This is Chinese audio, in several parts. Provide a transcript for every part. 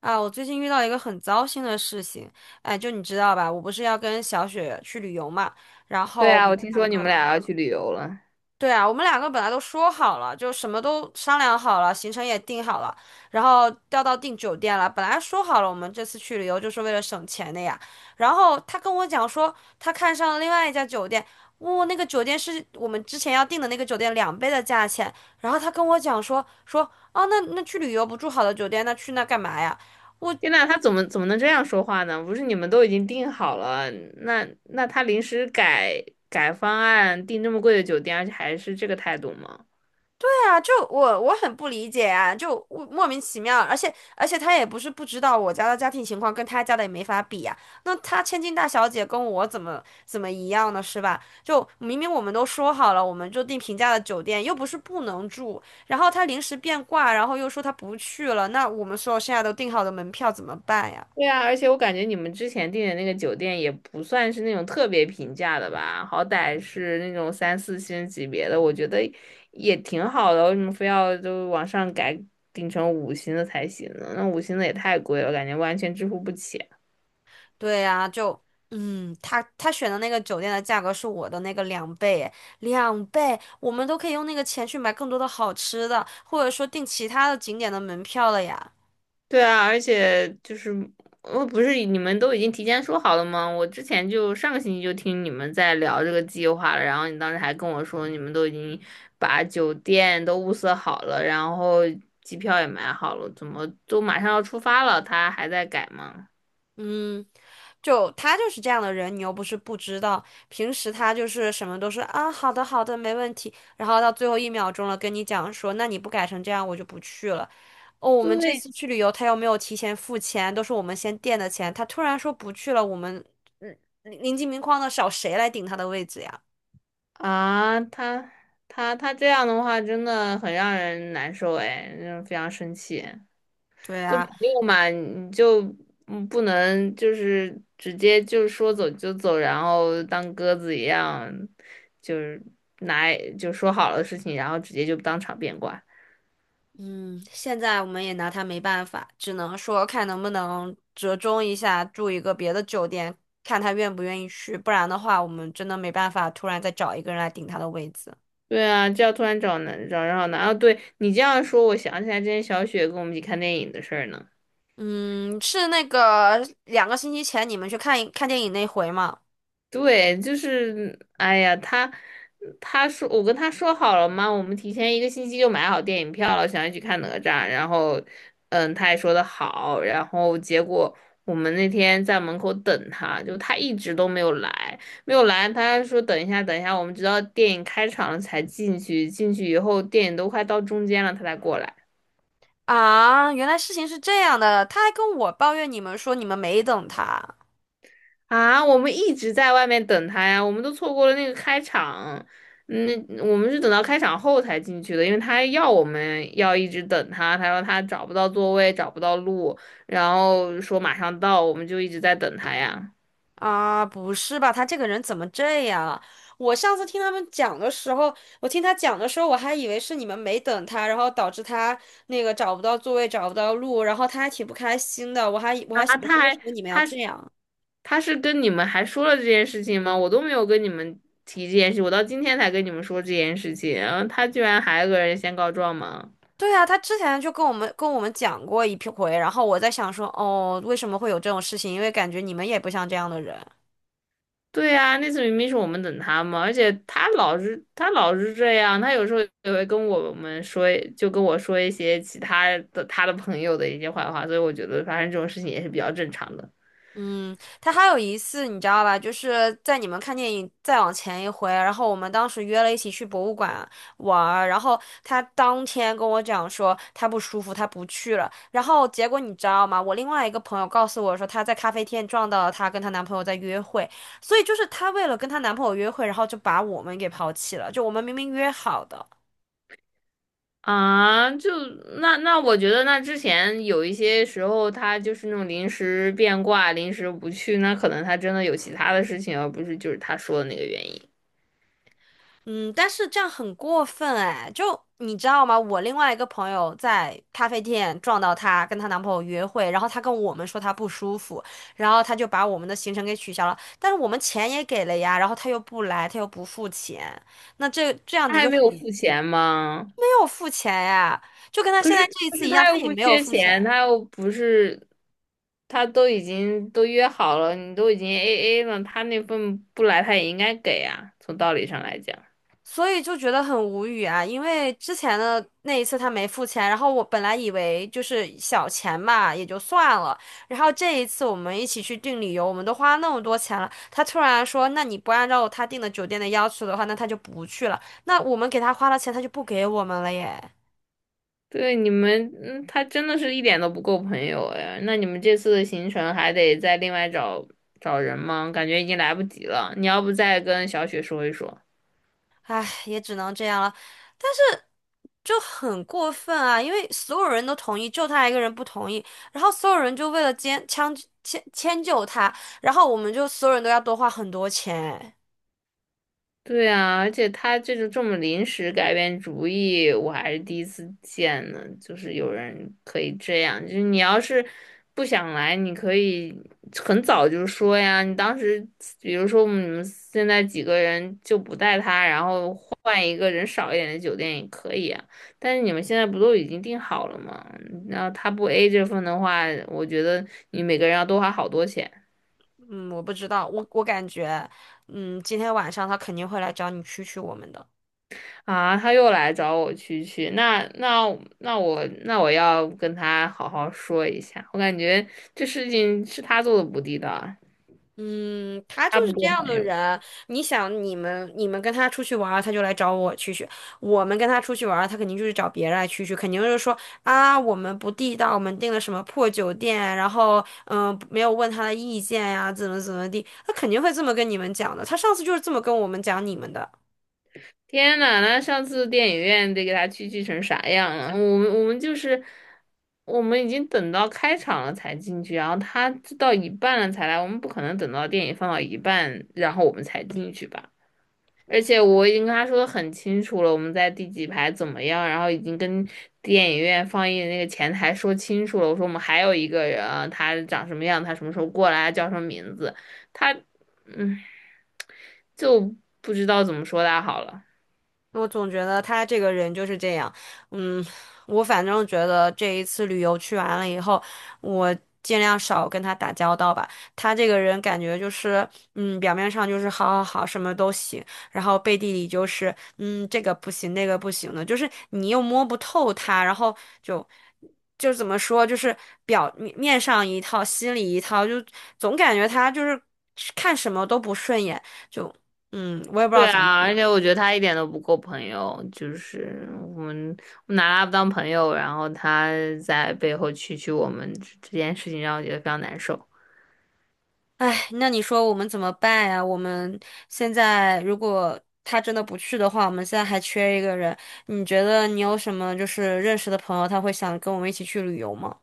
啊，我最近遇到一个很糟心的事情，哎，就你知道吧，我不是要跟小雪去旅游嘛，然对后我啊，我们听两说你们个，俩要去旅游了。对啊，我们两个本来都说好了，就什么都商量好了，行程也定好了，然后调到订酒店了，本来说好了我们这次去旅游就是为了省钱的呀，然后他跟我讲说他看上了另外一家酒店，哇，那个酒店是我们之前要订的那个酒店两倍的价钱，然后他跟我讲说啊，那去旅游不住好的酒店，那去那干嘛呀？我。天呐，他怎么能这样说话呢？不是你们都已经订好了，那他临时改方案，订这么贵的酒店，而且还是这个态度吗？对啊，就我很不理解啊，就我莫名其妙，而且他也不是不知道我家的家庭情况跟他家的也没法比呀，那他千金大小姐跟我怎么一样呢？是吧？就明明我们都说好了，我们就订平价的酒店，又不是不能住，然后他临时变卦，然后又说他不去了，那我们所有现在都订好的门票怎么办呀？对啊，而且我感觉你们之前订的那个酒店也不算是那种特别平价的吧，好歹是那种三四星级别的，我觉得也挺好的，为什么非要就往上改，订成五星的才行呢？那五星的也太贵了，感觉完全支付不起。对呀，就他选的那个酒店的价格是我的那个两倍诶，两倍，我们都可以用那个钱去买更多的好吃的，或者说订其他的景点的门票了呀。对啊，而且就是我不是你们都已经提前说好了吗？我之前就上个星期就听你们在聊这个计划了，然后你当时还跟我说你们都已经把酒店都物色好了，然后机票也买好了，怎么都马上要出发了，他还在改吗？嗯，就他就是这样的人，你又不是不知道。平时他就是什么都是啊，好的好的，没问题。然后到最后一秒钟了，跟你讲说，那你不改成这样，我就不去了。哦，我们这对次去旅游，他又没有提前付钱，都是我们先垫的钱。他突然说不去了，我们嗯，临近明框的找谁来顶他的位置呀？啊，他这样的话真的很让人难受哎，让人非常生气。对跟呀，朋友嘛，你就不能就是直接就说走就走，然后当鸽子一样，就是拿就说好了的事情，然后直接就当场变卦。嗯，现在我们也拿他没办法，只能说看能不能折中一下，住一个别的酒店，看他愿不愿意去，不然的话，我们真的没办法突然再找一个人来顶他的位子。对啊，这要突然找人好难啊！对你这样说，我想起来之前小雪跟我们一起看电影的事儿呢。嗯，是那个2个星期前你们去看看电影那回吗？对，就是，哎呀，他说我跟他说好了嘛，我们提前一个星期就买好电影票了，想要去看哪吒，然后，他也说的好，然后结果我们那天在门口等他，就他一直都没有来，没有来，他说等一下，等一下，我们直到电影开场了才进去，进去以后电影都快到中间了，他才过来。啊，原来事情是这样的，他还跟我抱怨你们说你们没等他。啊，我们一直在外面等他呀，我们都错过了那个开场。嗯，我们是等到开场后才进去的，因为他要我们要一直等他，他说他找不到座位，找不到路，然后说马上到，我们就一直在等他呀。啊，不是吧？他这个人怎么这样啊？我上次听他们讲的时候，我听他讲的时候，我还以为是你们没等他，然后导致他那个找不到座位，找不到路，然后他还挺不开心的。我还我啊，还想说，为什么你们要这样？他是跟你们还说了这件事情吗？我都没有跟你们提这件事，我到今天才跟你们说这件事情，然后他居然还有个人先告状吗？对啊，他之前就跟我们讲过一批回，然后我在想说，哦，为什么会有这种事情？因为感觉你们也不像这样的人。对呀、那次明明是我们等他嘛，而且他老是这样，他有时候也会跟我们说，就跟我说一些其他的他的朋友的一些坏话，所以我觉得发生这种事情也是比较正常的嗯，他还有一次你知道吧，就是在你们看电影再往前一回，然后我们当时约了一起去博物馆玩儿，然后他当天跟我讲说他不舒服，他不去了。然后结果你知道吗？我另外一个朋友告诉我说她在咖啡店撞到了她跟她男朋友在约会，所以就是她为了跟她男朋友约会，然后就把我们给抛弃了，就我们明明约好的。啊。就那我觉得那之前有一些时候他就是那种临时变卦，临时不去，那可能他真的有其他的事情，而不是就是他说的那个原因。嗯，但是这样很过分哎，就你知道吗？我另外一个朋友在咖啡店撞到她，跟她男朋友约会，然后她跟我们说她不舒服，然后她就把我们的行程给取消了，但是我们钱也给了呀，然后她又不来，她又不付钱，那这样他子还就没很有没付钱吗？有付钱呀，就跟她可现在是这一可次是一样，他她又也不没有缺付钱。钱，他又不是，他都已经都约好了，你都已经 AA 了，他那份不来他也应该给啊，从道理上来讲。所以就觉得很无语啊，因为之前的那一次他没付钱，然后我本来以为就是小钱嘛，也就算了，然后这一次我们一起去订旅游，我们都花那么多钱了，他突然说，那你不按照他订的酒店的要求的话，那他就不去了，那我们给他花了钱，他就不给我们了耶。对你们，他真的是一点都不够朋友哎。那你们这次的行程还得再另外找人吗？感觉已经来不及了。你要不再跟小雪说一说？唉，也只能这样了。但是就很过分啊，因为所有人都同意，就他一个人不同意，然后所有人就为了迁迁迁迁就他，然后我们就所有人都要多花很多钱。对啊，而且他这种这么临时改变主意，我还是第一次见呢。就是有人可以这样，就是你要是不想来，你可以很早就说呀。你当时，比如说我们现在几个人就不带他，然后换一个人少一点的酒店也可以啊。但是你们现在不都已经订好了吗？然后他不 A 这份的话，我觉得你每个人要多花好多钱。嗯，我不知道，我感觉，嗯，今天晚上他肯定会来找你蛐蛐我们的。啊，他又来找我蛐蛐，那我要跟他好好说一下，我感觉这事情是他做的不地道啊，嗯，他就他是不这够样朋的友。人。你想，你们跟他出去玩儿他就来找我蛐蛐；我们跟他出去玩儿他肯定就是找别人来蛐蛐，肯定就是说啊，我们不地道，我们订了什么破酒店，然后没有问他的意见呀，怎么地，他肯定会这么跟你们讲的。他上次就是这么跟我们讲你们的。天呐，那上次电影院得给他蛐蛐成啥样啊？我们已经等到开场了才进去，然后他到一半了才来，我们不可能等到电影放到一半，然后我们才进去吧。而且我已经跟他说的很清楚了，我们在第几排怎么样，然后已经跟电影院放映的那个前台说清楚了。我说我们还有一个人啊他长什么样，他什么时候过来，叫什么名字。他，嗯，就不知道怎么说他好了。我总觉得他这个人就是这样，嗯，我反正觉得这一次旅游去完了以后，我尽量少跟他打交道吧。他这个人感觉就是，表面上就是好好好，什么都行，然后背地里就是，这个不行，那个不行的，就是你又摸不透他，然后就怎么说，就是表面上一套，心里一套，就总感觉他就是看什么都不顺眼，就我也不知道对怎么。啊，而且我觉得他一点都不够朋友，就是我们我拿他不当朋友，然后他在背后蛐蛐我们这件事情让我觉得非常难受。哎，那你说我们怎么办呀？我们现在如果他真的不去的话，我们现在还缺一个人。你觉得你有什么就是认识的朋友，他会想跟我们一起去旅游吗？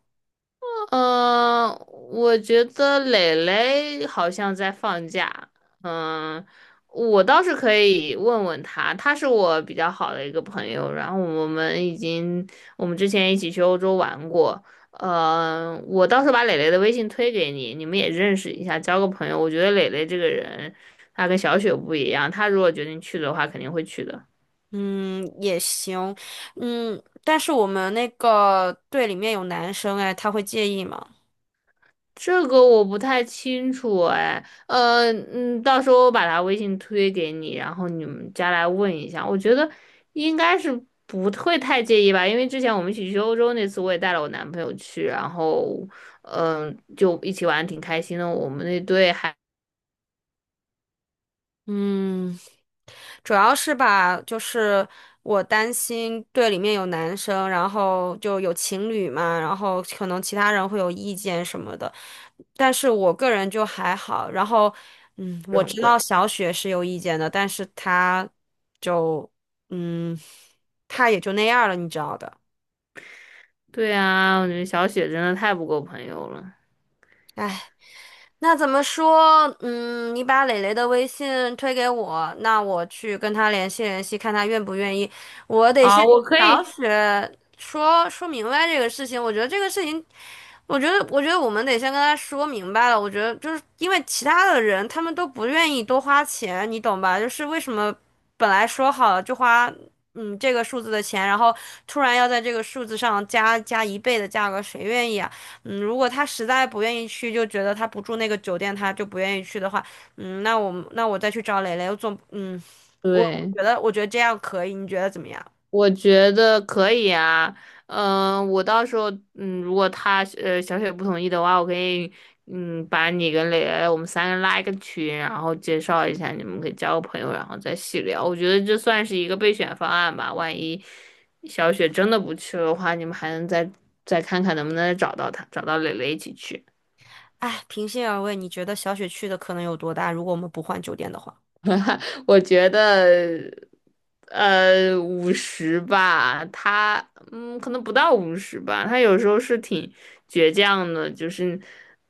嗯，我觉得蕾蕾好像在放假。嗯，我倒是可以问问他，他是我比较好的一个朋友，然后我们之前一起去欧洲玩过。我到时候把蕾蕾的微信推给你，你们也认识一下，交个朋友。我觉得蕾蕾这个人，她跟小雪不一样，她如果决定去的话，肯定会去的。嗯，也行。嗯，但是我们那个队里面有男生，哎，他会介意吗？这个我不太清楚哎，到时候我把他微信推给你，然后你们加来问一下。我觉得应该是不会太介意吧，因为之前我们一起去欧洲那次，我也带了我男朋友去，然后就一起玩得挺开心的。我们那队还嗯。主要是吧，就是我担心队里面有男生，然后就有情侣嘛，然后可能其他人会有意见什么的，但是我个人就还好。然后，不是我很知贵。道小雪是有意见的，但是她就，嗯，她也就那样了，你知道的。对啊，我觉得小雪真的太不够朋友了。唉。那怎么说？嗯，你把磊磊的微信推给我，那我去跟他联系联系，看他愿不愿意。我得啊！先我可找以，雪说说明白这个事情。我觉得这个事情，我觉得我们得先跟他说明白了。我觉得就是因为其他的人他们都不愿意多花钱，你懂吧？就是为什么本来说好了就花这个数字的钱，然后突然要在这个数字上加一倍的价格，谁愿意啊？嗯，如果他实在不愿意去，就觉得他不住那个酒店，他就不愿意去的话，嗯，那我再去找蕾蕾，我总嗯，我我对。觉得我觉得这样可以，你觉得怎么样？我觉得可以啊，我到时候，如果小雪不同意的话，我可以，把你跟磊磊我们三个拉一个群，然后介绍一下，你们可以交个朋友，然后再细聊。我觉得这算是一个备选方案吧，万一小雪真的不去的话，你们还能再看看能不能再找到他，找到磊磊一起去。哎，平心而论，你觉得小雪去的可能有多大？如果我们不换酒店的话，我觉得。五十吧，可能不到五十吧。他有时候是挺倔强的，就是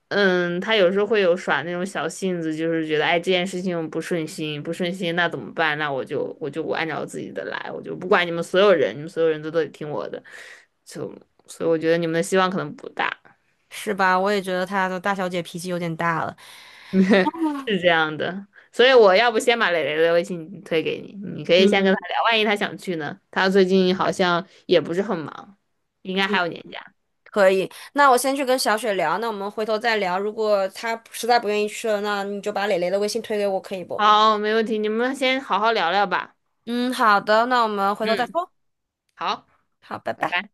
他有时候会有耍那种小性子，就是觉得哎这件事情不顺心，不顺心那怎么办？那我按照自己的来，我就不管你们所有人，你们所有人都得听我的，就所以我觉得你们的希望可能不大。是吧？我也觉得她的大小姐脾气有点大了。是这样的，所以我要不先把蕾蕾的微信推给你，你可以先跟嗯他聊，万一他想去呢？他最近好像也不是很忙，应该还嗯，有年假。可以。那我先去跟小雪聊，那我们回头再聊。如果她实在不愿意去了，那你就把蕾蕾的微信推给我，可以不？好，没问题，你们先好好聊聊吧。嗯，好的，那我们回头再嗯，说。好，好，拜拜拜。拜。